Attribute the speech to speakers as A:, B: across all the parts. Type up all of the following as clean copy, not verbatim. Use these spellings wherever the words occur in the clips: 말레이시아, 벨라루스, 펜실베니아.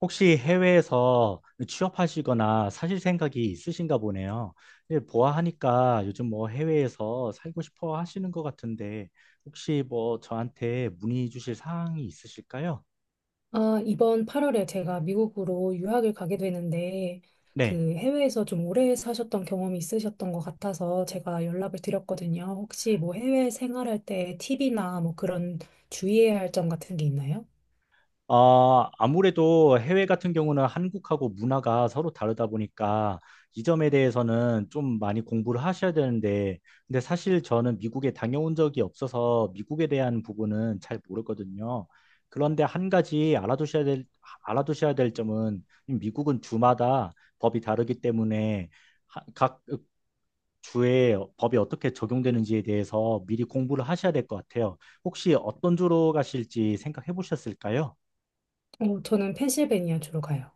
A: 혹시 해외에서 취업하시거나 사실 생각이 있으신가 보네요. 예, 보아하니까 요즘 뭐 해외에서 살고 싶어 하시는 것 같은데 혹시 뭐 저한테 문의 주실 사항이 있으실까요?
B: 아, 이번 8월에 제가 미국으로 유학을 가게 되는데,
A: 네.
B: 그 해외에서 좀 오래 사셨던 경험이 있으셨던 것 같아서 제가 연락을 드렸거든요. 혹시 뭐 해외 생활할 때 팁이나 뭐 그런 주의해야 할 점 같은 게 있나요?
A: 아, 아무래도 해외 같은 경우는 한국하고 문화가 서로 다르다 보니까 이 점에 대해서는 좀 많이 공부를 하셔야 되는데, 근데 사실 저는 미국에 다녀온 적이 없어서 미국에 대한 부분은 잘 모르거든요. 그런데 한 가지 알아두셔야 될, 알아두셔야 될 점은 미국은 주마다 법이 다르기 때문에 각 주에 법이 어떻게 적용되는지에 대해서 미리 공부를 하셔야 될 것 같아요. 혹시 어떤 주로 가실지 생각해 보셨을까요?
B: 저는 펜실베니아 주로 가요.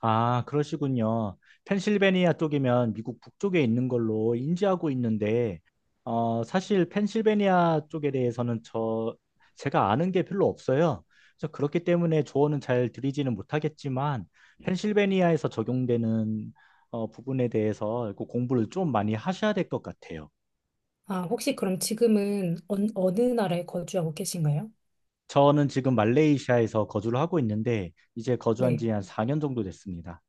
A: 아, 그러시군요. 펜실베니아 쪽이면 미국 북쪽에 있는 걸로 인지하고 있는데, 어, 사실 펜실베니아 쪽에 대해서는 제가 아는 게 별로 없어요. 그래서 그렇기 때문에 조언은 잘 드리지는 못하겠지만, 펜실베니아에서 적용되는 부분에 대해서 그 공부를 좀 많이 하셔야 될 것 같아요.
B: 아, 혹시 그럼 지금은 어느 나라에 거주하고 계신가요?
A: 저는 지금 말레이시아에서 거주를 하고 있는데, 이제 거주한
B: 네.
A: 지 한 4년 정도 됐습니다.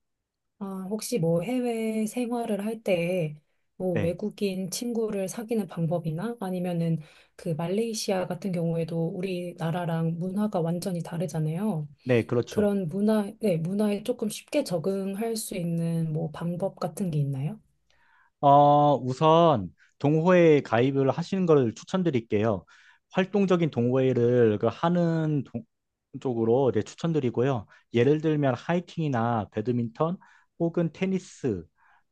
B: 아, 혹시 뭐 해외 생활을 할 때 뭐
A: 네,
B: 외국인 친구를 사귀는 방법이나 아니면은 그 말레이시아 같은 경우에도 우리나라랑 문화가 완전히 다르잖아요.
A: 네, 그렇죠.
B: 그런 문화, 네, 문화에 조금 쉽게 적응할 수 있는 뭐 방법 같은 게 있나요?
A: 우선 동호회에 가입을 하시는 걸 추천드릴게요. 활동적인 동호회를 그 하는 쪽으로 네, 추천드리고요. 예를 들면 하이킹이나 배드민턴 혹은 테니스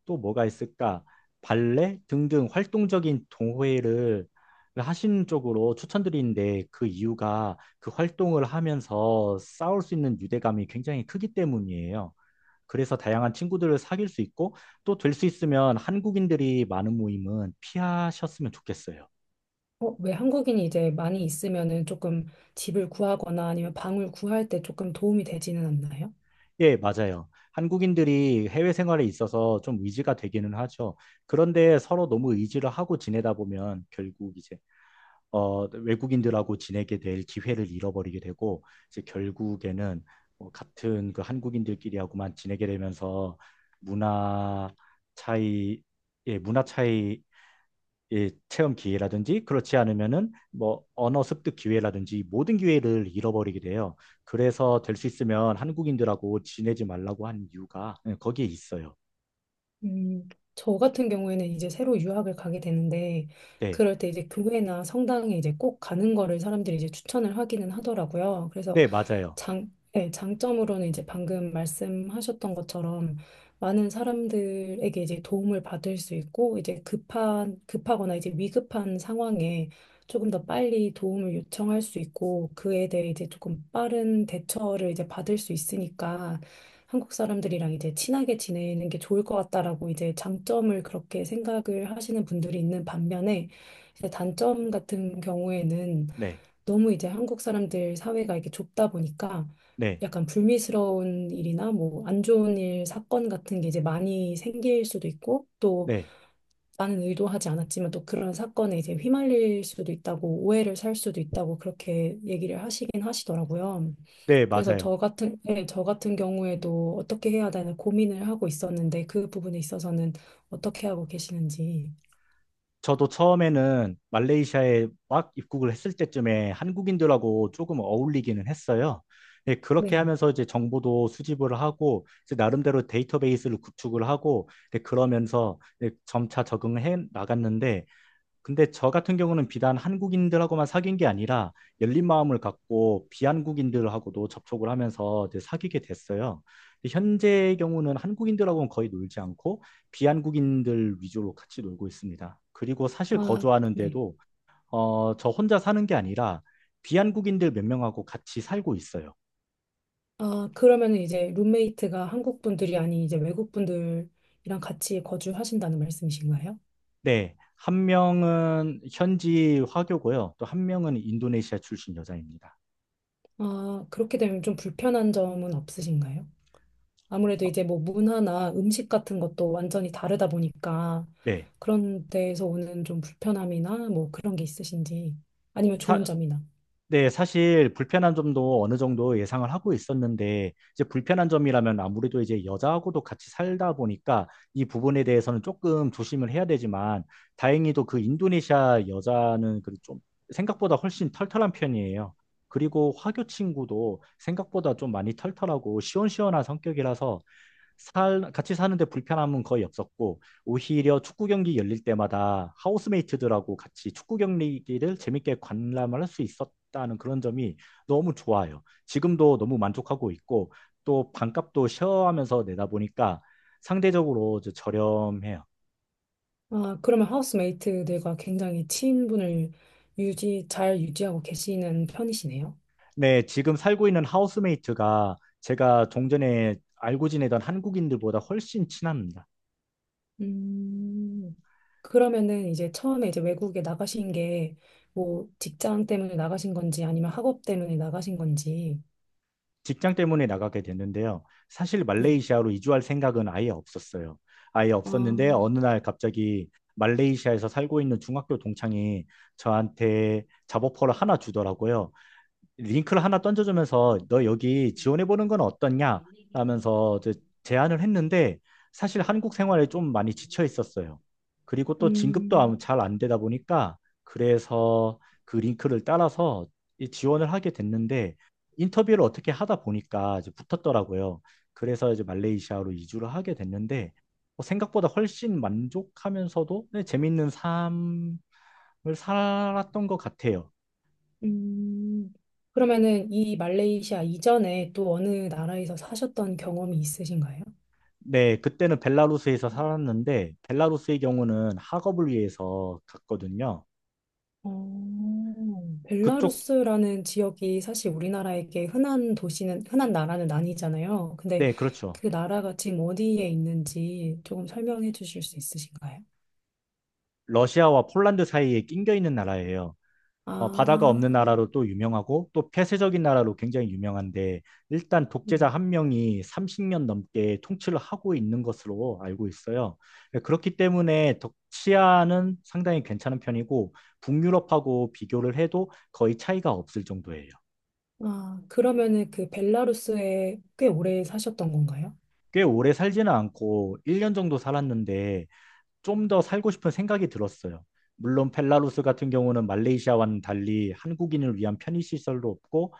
A: 또 뭐가 있을까? 발레 등등 활동적인 동호회를 하시는 쪽으로 추천드리는데 그 이유가 그 활동을 하면서 싸울 수 있는 유대감이 굉장히 크기 때문이에요. 그래서 다양한 친구들을 사귈 수 있고 또 될 수 있으면 한국인들이 많은 모임은 피하셨으면 좋겠어요.
B: 왜 한국인이 이제 많이 있으면은 조금 집을 구하거나 아니면 방을 구할 때 조금 도움이 되지는 않나요?
A: 예, 맞아요. 한국인들이 해외 생활에 있어서 좀 의지가 되기는 하죠. 그런데 서로 너무 의지를 하고 지내다 보면 결국 이제 외국인들하고 지내게 될 기회를 잃어버리게 되고 이제 결국에는 같은 그 한국인들끼리하고만 지내게 되면서 문화 차이, 예, 문화 차이 이 체험 기회라든지 그렇지 않으면은 뭐 언어 습득 기회라든지 모든 기회를 잃어버리게 돼요. 그래서 될 수 있으면 한국인들하고 지내지 말라고 한 이유가 예, 거기에 있어요.
B: 음, 저 같은 경우에는 이제 새로 유학을 가게 되는데,
A: 네,
B: 그럴 때 이제 교회나 성당에 이제 꼭 가는 거를 사람들이 이제 추천을 하기는 하더라고요. 그래서
A: 네, 맞아요.
B: 장, 네, 장점으로는 이제 방금 말씀하셨던 것처럼 많은 사람들에게 이제 도움을 받을 수 있고, 이제 급한, 급하거나 이제 위급한 상황에 조금 더 빨리 도움을 요청할 수 있고, 그에 대해 이제 조금 빠른 대처를 이제 받을 수 있으니까, 한국 사람들이랑 이제 친하게 지내는 게 좋을 것 같다라고 이제 장점을 그렇게 생각을 하시는 분들이 있는 반면에 이제 단점 같은 경우에는
A: 네,
B: 너무 이제 한국 사람들 사회가 이렇게 좁다 보니까
A: 네,
B: 약간 불미스러운 일이나 뭐 안 좋은 일, 사건 같은 게 이제 많이 생길 수도 있고 또
A: 네,
B: 나는 의도하지 않았지만 또 그런 사건에 이제 휘말릴 수도 있다고 오해를 살 수도 있다고 그렇게 얘기를 하시긴 하시더라고요.
A: 네,
B: 그래서
A: 맞아요.
B: 저 같은 예, 저 같은 경우에도 어떻게 해야 되나 고민을 하고 있었는데 그 부분에 있어서는 어떻게 하고 계시는지.
A: 저도 처음에는 말레이시아에 막 입국을 했을 때쯤에 한국인들하고 조금 어울리기는 했어요. 예, 그렇게
B: 네.
A: 하면서 이제 정보도 수집을 하고 이제 나름대로 데이터베이스를 구축을 하고 예, 그러면서 예, 점차 적응해 나갔는데 근데 저 같은 경우는 비단 한국인들하고만 사귄 게 아니라 열린 마음을 갖고 비한국인들하고도 접촉을 하면서 이제 사귀게 됐어요. 근데 현재의 경우는 한국인들하고는 거의 놀지 않고 비한국인들 위주로 같이 놀고 있습니다. 그리고 사실
B: 아,
A: 거주하는
B: 네.
A: 데도 저 혼자 사는 게 아니라 비한국인들 몇 명하고 같이 살고 있어요.
B: 아, 그러면은 이제 룸메이트가 한국 분들이 아닌 이제 외국 분들이랑 같이 거주하신다는 말씀이신가요?
A: 네, 한 명은 현지 화교고요. 또 한 명은 인도네시아 출신 여자입니다.
B: 아, 그렇게 되면 좀 불편한 점은 없으신가요? 아무래도
A: 어,
B: 이제 뭐 문화나 음식 같은 것도 완전히 다르다 보니까
A: 네.
B: 그런 데에서 오는 좀 불편함이나 뭐 그런 게 있으신지 아니면
A: 사,
B: 좋은 점이나.
A: 네, 사실 불편한 점도 어느 정도 예상을 하고 있었는데, 이제 불편한 점이라면 아무래도 이제 여자하고도 같이 살다 보니까 이 부분에 대해서는 조금 조심을 해야 되지만, 다행히도 그 인도네시아 여자는 그 좀 생각보다 훨씬 털털한 편이에요. 그리고 화교 친구도 생각보다 좀 많이 털털하고 시원시원한 성격이라서 같이 사는데 불편함은 거의 없었고, 오히려 축구 경기 열릴 때마다 하우스메이트들하고 같이 축구 경기를 재밌게 관람을 할 수 있었다는 그런 점이 너무 좋아요. 지금도 너무 만족하고 있고, 또 반값도 쉐어하면서 내다 보니까 상대적으로 저렴해요.
B: 아, 그러면 하우스메이트들과 굉장히 친분을 유지, 잘 유지하고 계시는 편이시네요.
A: 네, 지금 살고 있는 하우스메이트가 제가 종전에 알고 지내던 한국인들보다 훨씬 친합니다.
B: 음, 그러면은 이제 처음에 이제 외국에 나가신 게 뭐 직장 때문에 나가신 건지 아니면 학업 때문에 나가신 건지.
A: 직장 때문에 나가게 됐는데요. 사실
B: 네.
A: 말레이시아로 이주할 생각은 아예 없었어요. 아예
B: 아,
A: 없었는데 어느 날 갑자기 말레이시아에서 살고 있는 중학교 동창이 저한테 잡오퍼를 하나 주더라고요. 링크를 하나 던져주면서 너 여기 지원해보는 건 어떻냐? 라면서 이제 제안을 했는데 사실 한국 생활에 좀 많이 지쳐 있었어요. 그리고 또
B: 음.
A: 진급도 잘 안 되다 보니까 그래서 그 링크를 따라서 이 지원을 하게 됐는데 인터뷰를 어떻게 하다 보니까 이제 붙었더라고요. 그래서 이제 말레이시아로 이주를 하게 됐는데 뭐 생각보다 훨씬 만족하면서도 네, 재밌는 삶을 살았던 것 같아요.
B: 음, 그러면은 이 말레이시아 이전에 또 어느 나라에서 사셨던 경험이 있으신가요?
A: 네, 그때는 벨라루스에서 살았는데 벨라루스의 경우는 학업을 위해서 갔거든요. 그쪽,
B: 벨라루스라는 지역이 사실 우리나라에게 흔한 도시는, 흔한 나라는 아니잖아요. 근데
A: 네, 그렇죠.
B: 그 나라가 지금 어디에 있는지 조금 설명해 주실 수 있으신가요?
A: 러시아와 폴란드 사이에 낑겨 있는 나라예요.
B: 아,
A: 어, 바다가 없는 나라로 또 유명하고 또 폐쇄적인 나라로 굉장히 유명한데 일단 독재자
B: 네.
A: 한 명이 30년 넘게 통치를 하고 있는 것으로 알고 있어요. 네, 그렇기 때문에 치안은 상당히 괜찮은 편이고 북유럽하고 비교를 해도 거의 차이가 없을 정도예요.
B: 아, 그러면은 그 벨라루스에 꽤 오래 사셨던 건가요?
A: 꽤 오래 살지는 않고 1년 정도 살았는데 좀 더 살고 싶은 생각이 들었어요. 물론 펠라루스 같은 경우는 말레이시아와는 달리 한국인을 위한 편의시설도 없고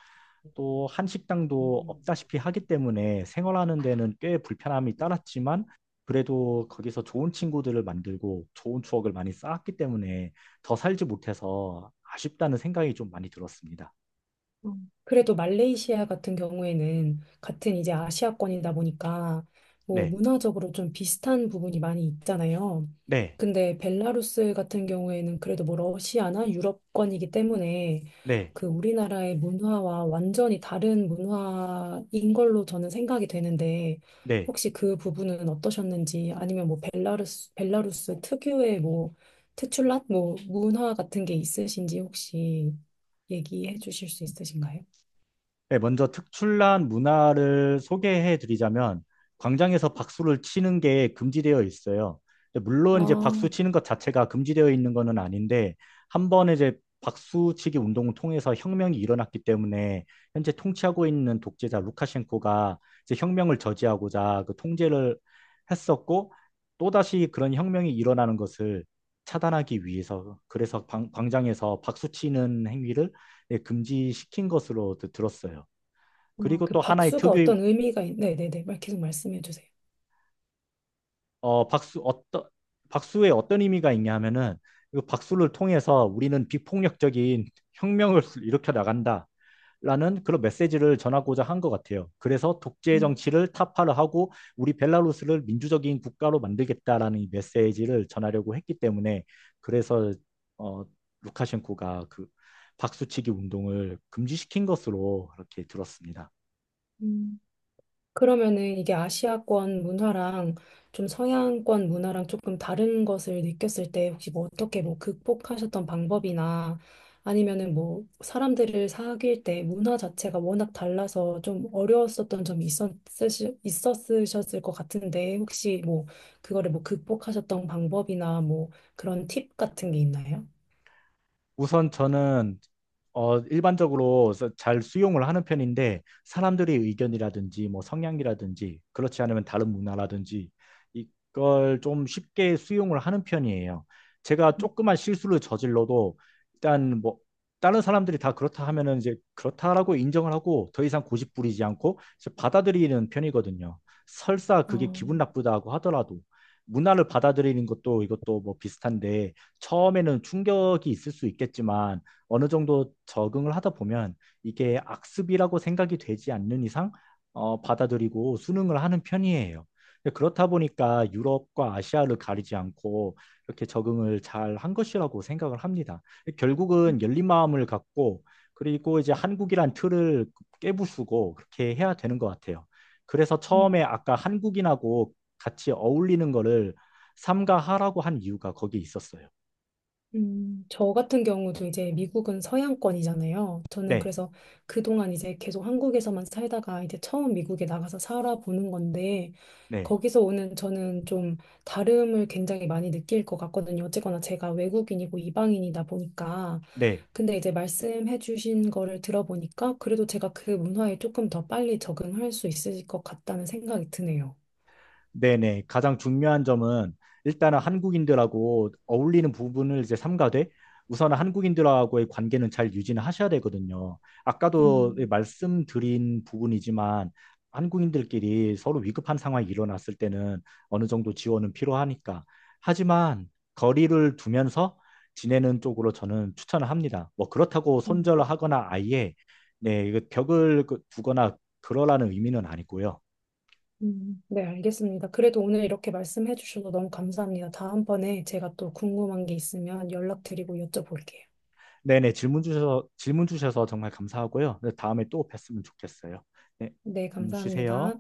A: 또 한식당도 없다시피 하기 때문에 생활하는 데는 꽤 불편함이 따랐지만 그래도 거기서 좋은 친구들을 만들고 좋은 추억을 많이 쌓았기 때문에 더 살지 못해서 아쉽다는 생각이 좀 많이 들었습니다.
B: 음. 그래도 말레이시아 같은 경우에는 같은 이제 아시아권이다 보니까 뭐
A: 네,
B: 문화적으로 좀 비슷한 부분이 많이 있잖아요.
A: 네,
B: 근데 벨라루스 같은 경우에는 그래도 뭐 러시아나 유럽권이기 때문에
A: 네,
B: 그 우리나라의 문화와 완전히 다른 문화인 걸로 저는 생각이 되는데
A: 네.
B: 혹시 그 부분은 어떠셨는지 아니면 뭐 벨라루스 벨라루스 특유의 뭐 특출난 뭐 문화 같은 게 있으신지 혹시 얘기해 주실 수 있으신가요?
A: 네, 먼저 특출난 문화를 소개해 드리자면 광장에서 박수를 치는 게 금지되어 있어요. 근데
B: 아,
A: 물론 이제 박수
B: 어,
A: 치는 것 자체가 금지되어 있는 것은 아닌데 한 번에 이제 박수치기 운동을 통해서 혁명이 일어났기 때문에 현재 통치하고 있는 독재자 루카셴코가 이제 혁명을 저지하고자 그 통제를 했었고 또다시 그런 혁명이 일어나는 것을 차단하기 위해서 그래서 광장에서 박수치는 행위를 예, 금지시킨 것으로 들었어요. 그리고
B: 그
A: 또 하나의
B: 박수가
A: 특유의
B: 어떤 의미가 있... 네네네. 말- 계속 말씀해 주세요.
A: 어, 박수 어떤 박수에 어떤 의미가 있냐 하면은 이 박수를 통해서 우리는 비폭력적인 혁명을 일으켜 나간다라는 그런 메시지를 전하고자 한 것 같아요. 그래서 독재
B: 음,
A: 정치를 타파를 하고 우리 벨라루스를 민주적인 국가로 만들겠다라는 이 메시지를 전하려고 했기 때문에 그래서 어, 루카셴코가 그 박수치기 운동을 금지시킨 것으로 그렇게 들었습니다.
B: 음. 그러면은 이게 아시아권 문화랑 좀 서양권 문화랑 조금 다른 것을 느꼈을 때 혹시 뭐 어떻게 뭐 극복하셨던 방법이나 아니면은 뭐 사람들을 사귈 때 문화 자체가 워낙 달라서 좀 어려웠었던 점이 있었으시, 있었으셨을 것 같은데 혹시 뭐 그거를 뭐 극복하셨던 방법이나 뭐 그런 팁 같은 게 있나요?
A: 우선 저는 일반적으로 잘 수용을 하는 편인데 사람들의 의견이라든지 뭐 성향이라든지 그렇지 않으면 다른 문화라든지 이걸 좀 쉽게 수용을 하는 편이에요. 제가 조그만 실수를 저질러도 일단 뭐 다른 사람들이 다 그렇다 하면은 이제 그렇다라고 인정을 하고 더 이상 고집 부리지 않고 이제 받아들이는 편이거든요. 설사 그게
B: 어,
A: 기분 나쁘다고 하더라도 문화를 받아들이는 것도 이것도 뭐 비슷한데 처음에는 충격이 있을 수 있겠지만 어느 정도 적응을 하다 보면 이게 악습이라고 생각이 되지 않는 이상 받아들이고 수능을 하는 편이에요. 근데 그렇다 보니까 유럽과 아시아를 가리지 않고 이렇게 적응을 잘 한 것이라고 생각을 합니다. 결국은 열린 마음을 갖고 그리고 이제 한국이란 틀을 깨부수고 그렇게 해야 되는 것 같아요. 그래서 처음에
B: 음,
A: 아까 한국인하고 같이 어울리는 거를 삼가하라고 한 이유가 거기 있었어요.
B: 저 같은 경우도 이제 미국은 서양권이잖아요. 저는
A: 네,
B: 그래서 그동안 이제 계속 한국에서만 살다가 이제 처음 미국에 나가서 살아보는 건데,
A: 네,
B: 거기서 오는 저는 좀 다름을 굉장히 많이 느낄 것 같거든요. 어쨌거나 제가 외국인이고 이방인이다 보니까.
A: 네,
B: 근데 이제 말씀해 주신 거를 들어보니까 그래도 제가 그 문화에 조금 더 빨리 적응할 수 있을 것 같다는 생각이 드네요.
A: 네, 네. 가장 중요한 점은 일단은 한국인들하고 어울리는 부분을 이제 삼가되 우선은 한국인들하고의 관계는 잘 유지는 하셔야 되거든요. 아까도 말씀드린 부분이지만 한국인들끼리 서로 위급한 상황이 일어났을 때는 어느 정도 지원은 필요하니까. 하지만 거리를 두면서 지내는 쪽으로 저는 추천을 합니다. 뭐 그렇다고
B: 음,
A: 손절을 하거나 아예 네, 이거 벽을 두거나 그러라는 의미는 아니고요.
B: 네, 알겠습니다. 그래도 오늘 이렇게 말씀해 주셔서 너무 감사합니다. 다음번에 제가 또 궁금한 게 있으면 연락드리고 여쭤볼게요.
A: 네네, 질문 주셔서 정말 감사하고요. 네, 다음에 또 뵀으면 좋겠어요. 네,
B: 네,
A: 쉬세요.
B: 감사합니다.